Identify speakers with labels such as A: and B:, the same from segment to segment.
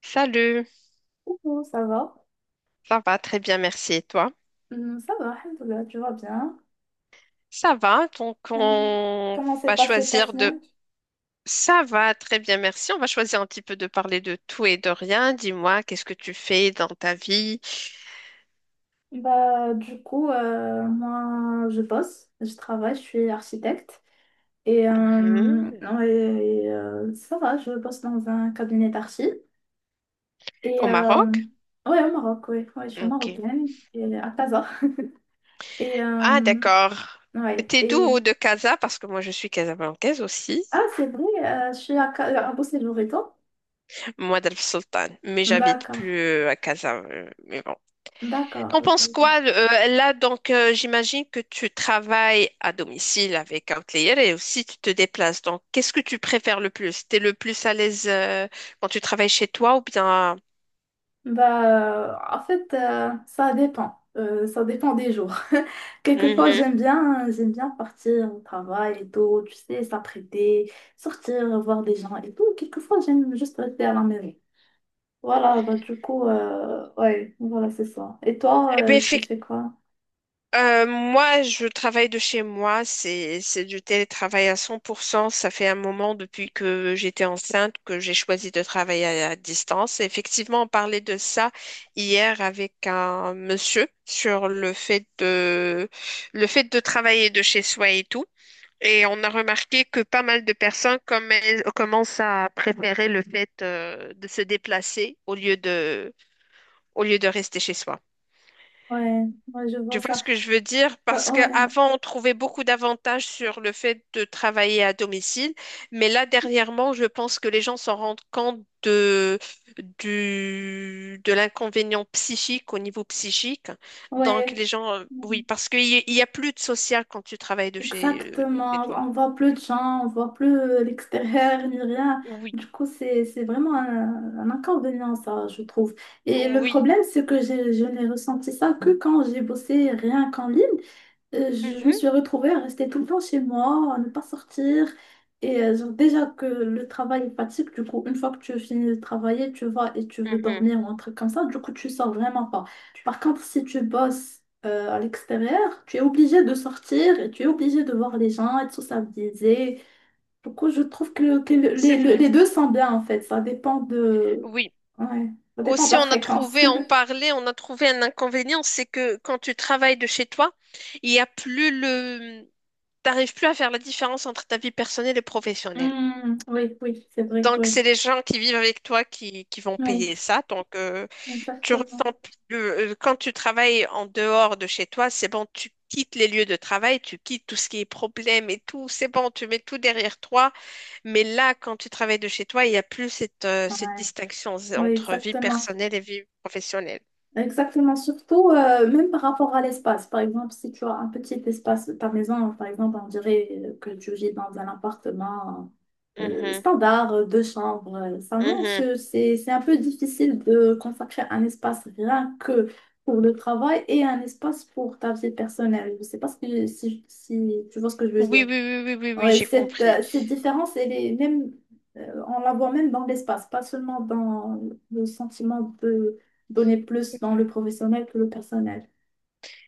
A: Salut,
B: Coucou, ça va?
A: ça va très bien, merci. Et toi?
B: Ça va, alhamdoulilah, tu vas bien?
A: Ça va, donc
B: Hum,
A: on
B: Comment s'est
A: va
B: passée ta
A: choisir de...
B: semaine?
A: Ça va très bien, merci. On va choisir un petit peu de parler de tout et de rien. Dis-moi, qu'est-ce que tu fais dans ta vie?
B: Bah, du coup, moi, je bosse, je travaille, je suis architecte. Et,
A: Mhm.
B: ouais, et, ça va, je bosse dans un cabinet d'archi. Et
A: Au Maroc?
B: ouais, au Maroc, ouais, ouais, je suis
A: Ok.
B: marocaine, et à Casa. Et
A: Ah, d'accord.
B: ouais,
A: T'es d'où
B: et
A: au de Casa? Parce que moi, je suis casablancaise aussi.
B: ah, c'est vrai, je suis à, à Boussélour, et toi?
A: Moi, d'El Sultan. Mais j'habite
B: D'accord,
A: plus à Casa. Mais bon.
B: d'accord,
A: T'en
B: ok.
A: penses quoi là donc j'imagine que tu travailles à domicile avec un client et aussi tu te déplaces. Donc qu'est-ce que tu préfères le plus? T'es le plus à l'aise quand tu travailles chez toi ou bien
B: Bah, en fait, ça dépend. Ça dépend des jours. Quelquefois,
A: Mhm.
B: j'aime bien partir au travail et tout, tu sais, s'apprêter, sortir, voir des gens et tout. Quelquefois, j'aime juste rester à la maison. Voilà, bah, du coup, ouais, voilà, c'est ça. Et toi,
A: Eh ben,
B: tu fais quoi?
A: Moi, je travaille de chez moi, c'est du télétravail à 100%. Ça fait un moment depuis que j'étais enceinte que j'ai choisi de travailler à distance. Et effectivement, on parlait de ça hier avec un monsieur sur le fait de travailler de chez soi et tout. Et on a remarqué que pas mal de personnes comme elles, commencent à préférer le fait de se déplacer au lieu de rester chez soi.
B: Ouais, ouais, je vois
A: Tu vois
B: ça.
A: ce que je veux dire?
B: Bah,
A: Parce
B: ouais,
A: qu'avant, on trouvait beaucoup d'avantages sur le fait de travailler à domicile, mais là, dernièrement, je pense que les gens s'en rendent compte de, du, de l'inconvénient psychique au niveau psychique. Donc,
B: ouais.
A: les gens, oui, parce qu'il y, il y a plus de social quand tu travailles de chez
B: Exactement,
A: toi.
B: on voit plus de gens, on voit plus l'extérieur ni rien.
A: Oui,
B: Du coup, c'est vraiment un inconvénient, ça, je trouve. Et le
A: oui.
B: problème, c'est que je n'ai ressenti ça que quand j'ai bossé rien qu'en ligne. Je me
A: Mhm,
B: suis retrouvée à rester tout le temps chez moi, à ne pas sortir. Et genre, déjà que le travail est fatigue, du coup, une fois que tu finis de travailler, tu vas et tu veux
A: mhm.
B: dormir ou un truc comme ça, du coup, tu sors vraiment pas. Par contre, si tu bosses à l'extérieur, tu es obligé de sortir et tu es obligé de voir les gens et de sociabiliser. Du coup, je trouve que, que
A: C'est vrai.
B: les deux sont bien en fait. Ça dépend de...
A: Oui.
B: Ouais, ça dépend de
A: Aussi,
B: la
A: on a
B: fréquence.
A: trouvé, on parlait, on a trouvé un inconvénient, c'est que quand tu travailles de chez toi, il y a plus le, t'arrives plus à faire la différence entre ta vie personnelle et professionnelle.
B: Hmm, oui, oui, c'est vrai que
A: Donc,
B: oui.
A: c'est les gens qui vivent avec toi qui vont
B: Oui,
A: payer ça. Donc, tu
B: exactement.
A: ressens plus le- quand tu travailles en dehors de chez toi, c'est bon, tu quittes les lieux de travail, tu quittes tout ce qui est problème et tout, c'est bon, tu mets tout derrière toi. Mais là, quand tu travailles de chez toi, il n'y a plus cette, cette distinction
B: Oui,
A: entre vie
B: exactement.
A: personnelle et vie professionnelle.
B: Exactement. Surtout, même par rapport à l'espace. Par exemple, si tu as un petit espace, ta maison, par exemple, on dirait que tu vis dans un appartement
A: Mhm,
B: standard, deux chambres, ça, non
A: mhm.
B: c'est un peu difficile de consacrer un espace rien que pour le travail et un espace pour ta vie personnelle. Je ne sais pas si tu vois ce que je veux
A: Oui, oui,
B: dire.
A: oui, oui, oui, oui,
B: Ouais,
A: j'ai compris.
B: cette différence, elle est même, on la voit même dans l'espace, pas seulement dans le sentiment de donner plus
A: C'est
B: dans le
A: vrai.
B: professionnel que le personnel.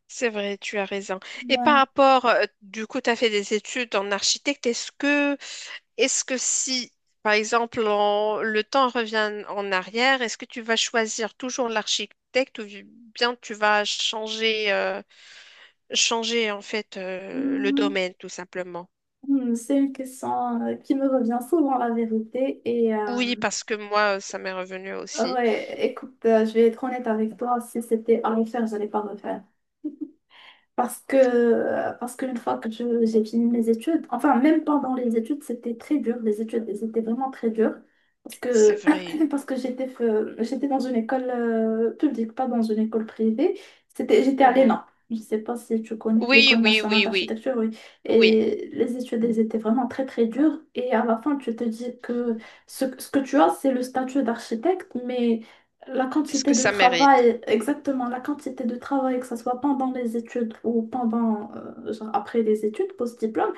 A: C'est vrai, tu as raison. Et par
B: Ouais.
A: rapport, du coup, tu as fait des études en architecte. Est-ce que si, par exemple, en- le temps revient en arrière, est-ce que tu vas choisir toujours l'architecte ou bien tu vas changer, changer en fait le
B: Hmm,
A: domaine, tout simplement?
B: c'est une question qui me revient souvent, la vérité. Et
A: Oui, parce que moi, ça m'est revenu aussi.
B: ouais, écoute, je vais être honnête avec toi, si c'était à refaire, je n'allais pas refaire. Parce qu'une fois que j'ai fini mes études, enfin, même pendant les études, c'était très dur. Les études, elles étaient vraiment très dures. Parce
A: C'est
B: que,
A: vrai.
B: parce que j'étais dans une école publique, pas dans une école privée. C'était, j'étais à
A: Mhm.
B: l'ENA. Je ne sais pas si tu connais
A: Oui,
B: l'École
A: oui,
B: nationale
A: oui, oui,
B: d'architecture, oui.
A: oui.
B: Et les études, elles étaient très dures. Et à la fin, tu te dis que ce que tu as, c'est le statut d'architecte, mais la
A: Est-ce que
B: quantité de
A: ça mérite?
B: travail, exactement, la quantité de travail, que ce soit pendant les études ou pendant, genre après les études, post-diplôme,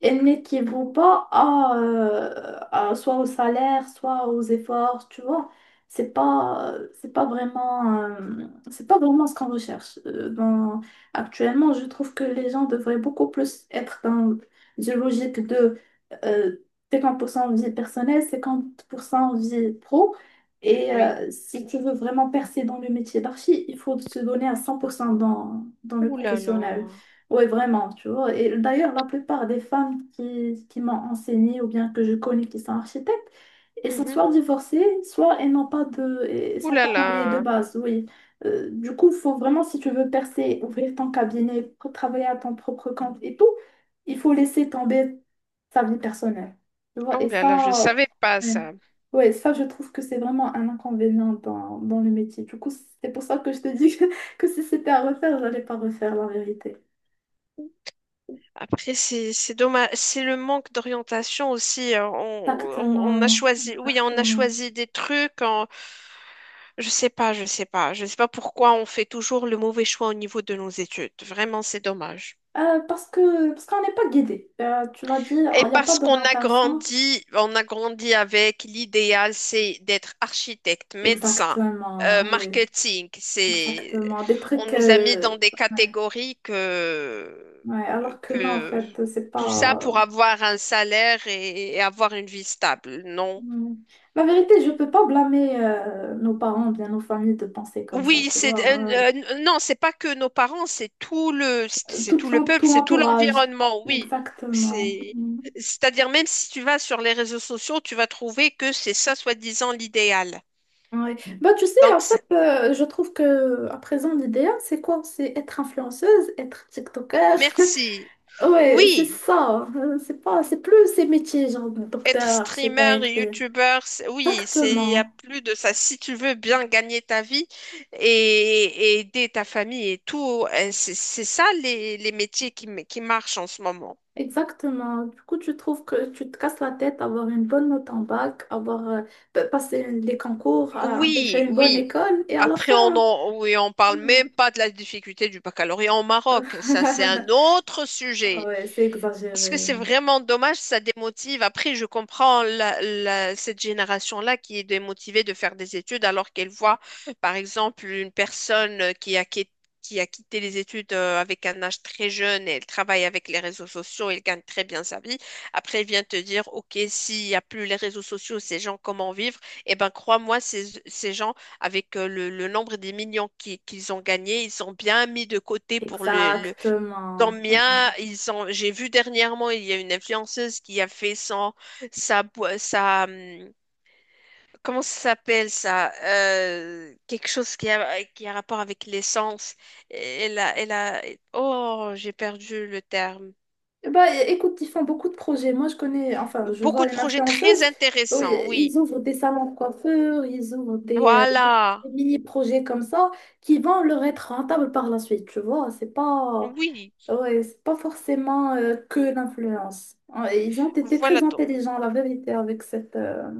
B: elles n'équivaut pas à, soit au salaire, soit aux efforts, tu vois. C'est pas vraiment ce qu'on recherche. Actuellement, je trouve que les gens devraient beaucoup plus être dans une logique de euh, 50% vie personnelle, 50% vie pro. Et
A: Oui.
B: si tu veux vraiment percer dans le métier d'archi, il faut se donner à 100% dans, dans le
A: Ouh là
B: professionnel.
A: là.
B: Oui, vraiment, tu vois. Et d'ailleurs, la plupart des femmes qui m'ont enseigné ou bien que je connais qui sont architectes, elles sont
A: Mhm.
B: soit divorcées, soit elles n'ont pas de, elles
A: Ouh
B: sont
A: là
B: pas mariées de
A: là.
B: base, oui. Du coup, il faut vraiment, si tu veux percer, ouvrir ton cabinet, travailler à ton propre compte et tout, il faut laisser tomber sa vie personnelle. Tu
A: Ah,
B: vois, et
A: Ouh là là, je
B: ça,
A: savais pas
B: ouais.
A: ça.
B: Ouais, ça, je trouve que c'est vraiment un inconvénient dans, dans le métier. Du coup, c'est pour ça que je te dis que, que si c'était à refaire, j'allais pas refaire la vérité.
A: Après, c'est dommage, c'est le manque d'orientation aussi, hein. On a
B: Exactement,
A: choisi, oui, on a
B: exactement.
A: choisi des trucs. En- Je sais pas, je sais pas, je sais pas pourquoi on fait toujours le mauvais choix au niveau de nos études. Vraiment, c'est dommage.
B: Parce qu'on n'est pas guidé. Tu l'as dit,
A: Et
B: il n'y a pas
A: parce qu'on a
B: d'orientation.
A: grandi, on a grandi avec l'idéal, c'est d'être architecte, médecin,
B: Exactement, oui,
A: marketing. C'est,
B: exactement. Des
A: on
B: trucs.
A: nous a mis dans des
B: Ouais.
A: catégories
B: Ouais, alors que non, en
A: que
B: fait, c'est
A: tout ça
B: pas.
A: pour avoir un salaire et avoir une vie stable. Non,
B: Ouais. La vérité, je peux pas blâmer nos parents, bien nos familles de penser comme ça,
A: Oui,
B: tu
A: c'est
B: vois. Ouais, ouais.
A: non, c'est pas que nos parents, c'est
B: Tout
A: tout le peuple,
B: tout
A: c'est tout
B: l'entourage.
A: l'environnement. Oui,
B: Exactement.
A: c'est
B: Hmm.
A: c'est-à-dire même si tu vas sur les réseaux sociaux, tu vas trouver que c'est ça soi-disant l'idéal.
B: Ouais. Bah, tu sais, en
A: Donc
B: fait,
A: c'est-
B: je trouve que à présent, l'idéal, c'est quoi? C'est être influenceuse, être TikToker.
A: merci.
B: Ouais, c'est
A: Oui,
B: ça. C'est pas, c'est plus ces métiers, genre
A: être
B: docteur,
A: streamer,
B: architecte.
A: youtubeur, c'est- oui, c'est il y a
B: Exactement.
A: plus de ça. Si tu veux bien gagner ta vie et, et aider ta famille et tout, c'est ça les métiers qui m- qui marchent en ce moment.
B: Exactement. Du coup, tu trouves que tu te casses la tête, avoir une bonne note en bac, avoir passé les concours, à intégrer
A: Oui,
B: une bonne
A: oui.
B: école, et à la
A: Après, on
B: fin.
A: en, oui, on parle
B: Ouais,
A: même pas de la difficulté du baccalauréat au Maroc. Ça, c'est un autre sujet.
B: ouais, c'est
A: Parce que
B: exagéré.
A: c'est
B: Ouais.
A: vraiment dommage, ça démotive. Après, je comprends la- la- cette génération-là qui est démotivée de faire des études alors qu'elle voit, par exemple, une personne qui a, qui- qui a quitté les études avec un âge très jeune et elle travaille avec les réseaux sociaux, elle gagne très bien sa vie. Après, elle vient te dire, OK, s'il n'y a plus les réseaux sociaux, ces gens, comment vivre? Eh ben, crois-moi, ces, ces gens, avec le nombre des millions qui- qu'ils ont gagnés, ils ont bien mis de côté pour le. Le- Tant
B: Exactement.
A: bien, ils ont, j'ai vu dernièrement, il y a une influenceuse qui a fait son, sa, bo- sa, comment ça s'appelle ça? Quelque chose qui a rapport avec l'essence. Elle a, elle a, oh, j'ai perdu le terme.
B: Bah, écoute, ils font beaucoup de projets. Moi, je connais, enfin, je
A: Beaucoup
B: vois
A: de
B: une
A: projets très
B: influenceuse. Oui,
A: intéressants, oui.
B: ils ouvrent des salons de coiffure, ils ouvrent
A: Voilà,
B: mini-projets comme ça qui vont leur être rentables par la suite, tu vois. C'est pas,
A: oui,
B: ouais, c'est pas forcément que l'influence. Ouais, ils ont été
A: voilà.
B: très intelligents, la vérité, avec cette,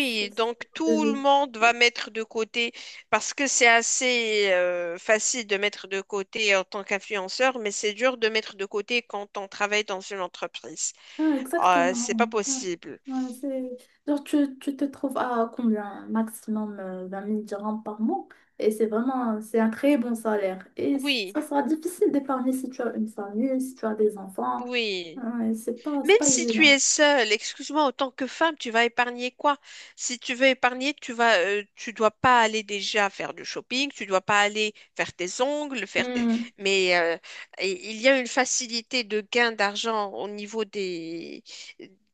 B: ce-
A: donc
B: ce-
A: tout le
B: de-
A: monde va mettre de côté parce que c'est assez facile de mettre de côté en tant qu'influenceur, mais c'est dur de mettre de côté quand on travaille dans une entreprise.
B: ah, exactement.
A: C'est pas
B: Ouais.
A: possible.
B: Ouais, c'est... Genre, tu te trouves à combien? Maximum 20 000 dirhams par mois. Et c'est vraiment, c'est un très bon salaire. Et
A: Oui,
B: ça sera difficile d'épargner si tu as une famille, si tu as des enfants.
A: oui.
B: Ouais, c'est
A: Même
B: pas
A: si tu
B: évident.
A: es seule, excuse-moi, en tant que femme, tu vas épargner quoi? Si tu veux épargner, tu vas, tu dois pas aller déjà faire du shopping, tu dois pas aller faire tes ongles, faire tes...
B: Hmm,
A: Mais et- il y a une facilité de gain d'argent au niveau des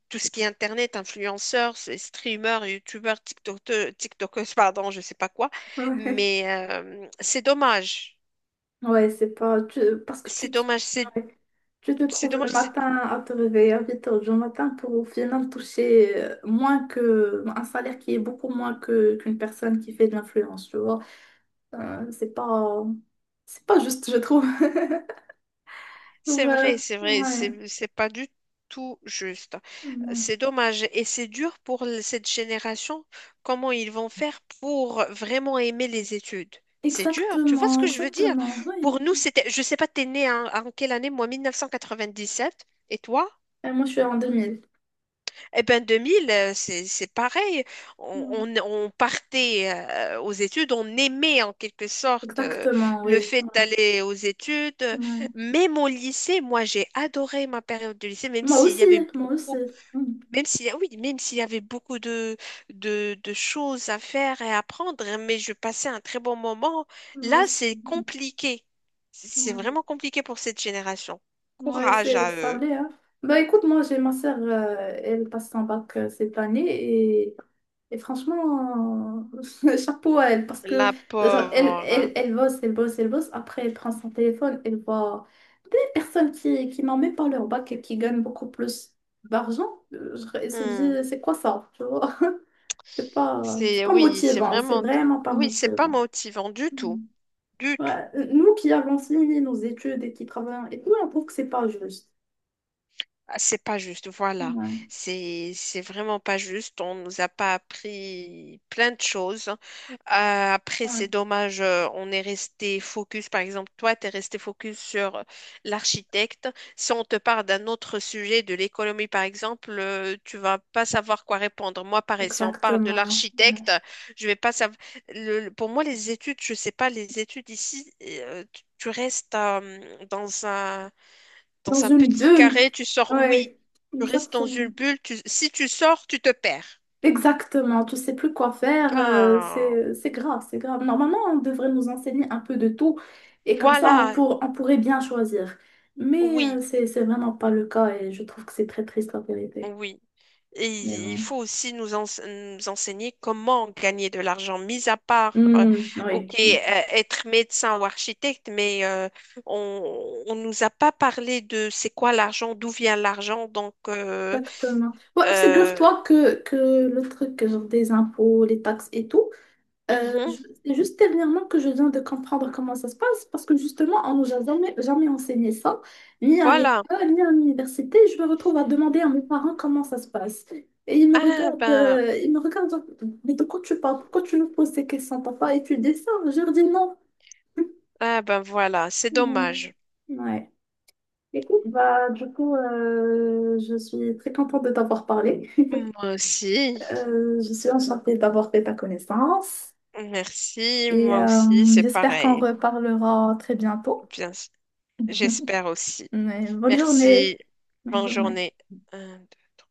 A: tout ce qui est internet, influenceurs, c'est streamers, youtubeurs, tiktokers, tiktokers, pardon, je sais pas quoi.
B: ouais,
A: Mais c'est dommage,
B: ouais, c'est pas... parce que
A: c'est
B: tu te...
A: dommage, c'est
B: ouais. Tu te
A: c'est
B: trouves le
A: dommage,
B: matin à te réveiller à 8 heures du matin pour au final toucher moins que un salaire qui est beaucoup moins que qu'une personne qui fait de l'influence, tu vois. Euh, c'est pas... C'est pas juste, je trouve.
A: c'est
B: Ouais,
A: vrai, c'est vrai,
B: ouais.
A: c'est pas du tout juste.
B: Non.
A: C'est dommage et c'est dur pour l- cette génération. Comment ils vont faire pour vraiment aimer les études? C'est dur, tu vois ce
B: Exactement,
A: que je veux dire?
B: exactement, oui.
A: Pour nous, c'était, je sais pas, t'es né en, en quelle année? Moi, 1997. Et toi?
B: Et moi, je suis en 2000.
A: Eh ben 2000, c'est pareil. On,
B: Ouais.
A: on partait aux études, on aimait en quelque sorte
B: Exactement,
A: le
B: oui.
A: fait
B: Ouais,
A: d'aller aux études.
B: ouais.
A: Même au lycée, moi j'ai adoré ma période de lycée, même
B: Moi
A: s'il y
B: aussi,
A: avait
B: moi aussi.
A: beaucoup,
B: Mm.
A: même s'il y a- oui, même s'il y avait beaucoup de choses à faire et à apprendre, mais je passais un très bon moment.
B: Moi
A: Là,
B: aussi.
A: c'est compliqué. C'est
B: Ouais,
A: vraiment compliqué pour cette génération.
B: ouais,
A: Courage
B: c'est
A: à
B: ça
A: eux,
B: l'est, hein. Bah écoute, moi, j'ai ma sœur, elle passe son bac cette année et, et franchement, chapeau à elle parce que
A: la
B: genre,
A: pauvre.
B: elle bosse, elle bosse, elle bosse. Après, elle prend son téléphone, elle voit personne qui n'en met pas leur bac et qui gagne beaucoup plus d'argent, je se
A: Hmm.
B: dis, c'est quoi ça? Tu vois? C'est
A: C'est
B: pas
A: oui, c'est
B: motivant, c'est
A: vraiment
B: vraiment pas
A: oui, c'est pas
B: motivant.
A: motivant du tout,
B: Mm.
A: du tout.
B: Ouais, nous qui avons fini nos études et qui travaillons et tout, on trouve que c'est pas juste.
A: Ah, c'est pas juste, voilà.
B: Ouais,
A: C'est vraiment pas juste. On nous a pas appris plein de choses. Après,
B: ouais,
A: c'est dommage. On est resté focus. Par exemple, toi, tu es resté focus sur l'architecte. Si on te parle d'un autre sujet, de l'économie, par exemple, tu vas pas savoir quoi répondre. Moi, pareil, si on parle de
B: exactement.
A: l'architecte, je vais pas savoir. Le- pour moi, les études, je sais pas, les études ici, tu tu restes
B: Dans
A: dans un
B: une
A: petit
B: bulle.
A: carré, tu sors, oui.
B: Ouais,
A: Tu restes dans
B: exactement.
A: une bulle. Tu- Si tu sors, tu te perds.
B: Exactement, tu sais plus quoi faire,
A: Ah,
B: c'est grave, c'est grave. Normalement, on devrait nous enseigner un peu de tout et comme ça,
A: voilà.
B: on pourrait bien choisir. Mais
A: Oui,
B: c'est vraiment pas le cas et je trouve que c'est très triste la vérité.
A: oui.
B: Mais
A: Et il
B: bon.
A: faut aussi nous, ense- nous enseigner comment gagner de l'argent, mis à part,
B: Hmm,
A: ok,
B: oui,
A: être médecin ou architecte, mais on nous a pas parlé de c'est quoi l'argent, d'où vient l'argent, donc
B: exactement. Ouais,
A: euh,
B: figure-toi que le truc genre des impôts, les taxes et tout.
A: mhm,
B: C'est juste dernièrement que je viens de comprendre comment ça se passe parce que justement, on nous a jamais enseigné ça, ni à
A: voilà.
B: l'école, ni à l'université. Je me retrouve à demander à mes parents comment ça se passe. Et ils me
A: Ah
B: regardent,
A: ben,
B: genre, mais de quoi tu parles? Pourquoi tu nous poses ces questions? T'as pas étudié ça? Je leur dis non.
A: ah ben voilà, c'est
B: Ouais.
A: dommage.
B: Ouais. Écoute, bah, du coup, je suis très contente de t'avoir parlé.
A: Moi aussi.
B: Je suis enchantée d'avoir fait ta connaissance
A: Merci.
B: et
A: Moi aussi, c'est
B: j'espère qu'on
A: pareil.
B: reparlera très bientôt.
A: Bien, s- j'espère aussi.
B: Ouais, bonne journée.
A: Merci.
B: Bonne
A: Bonne
B: journée.
A: journée. Un, deux,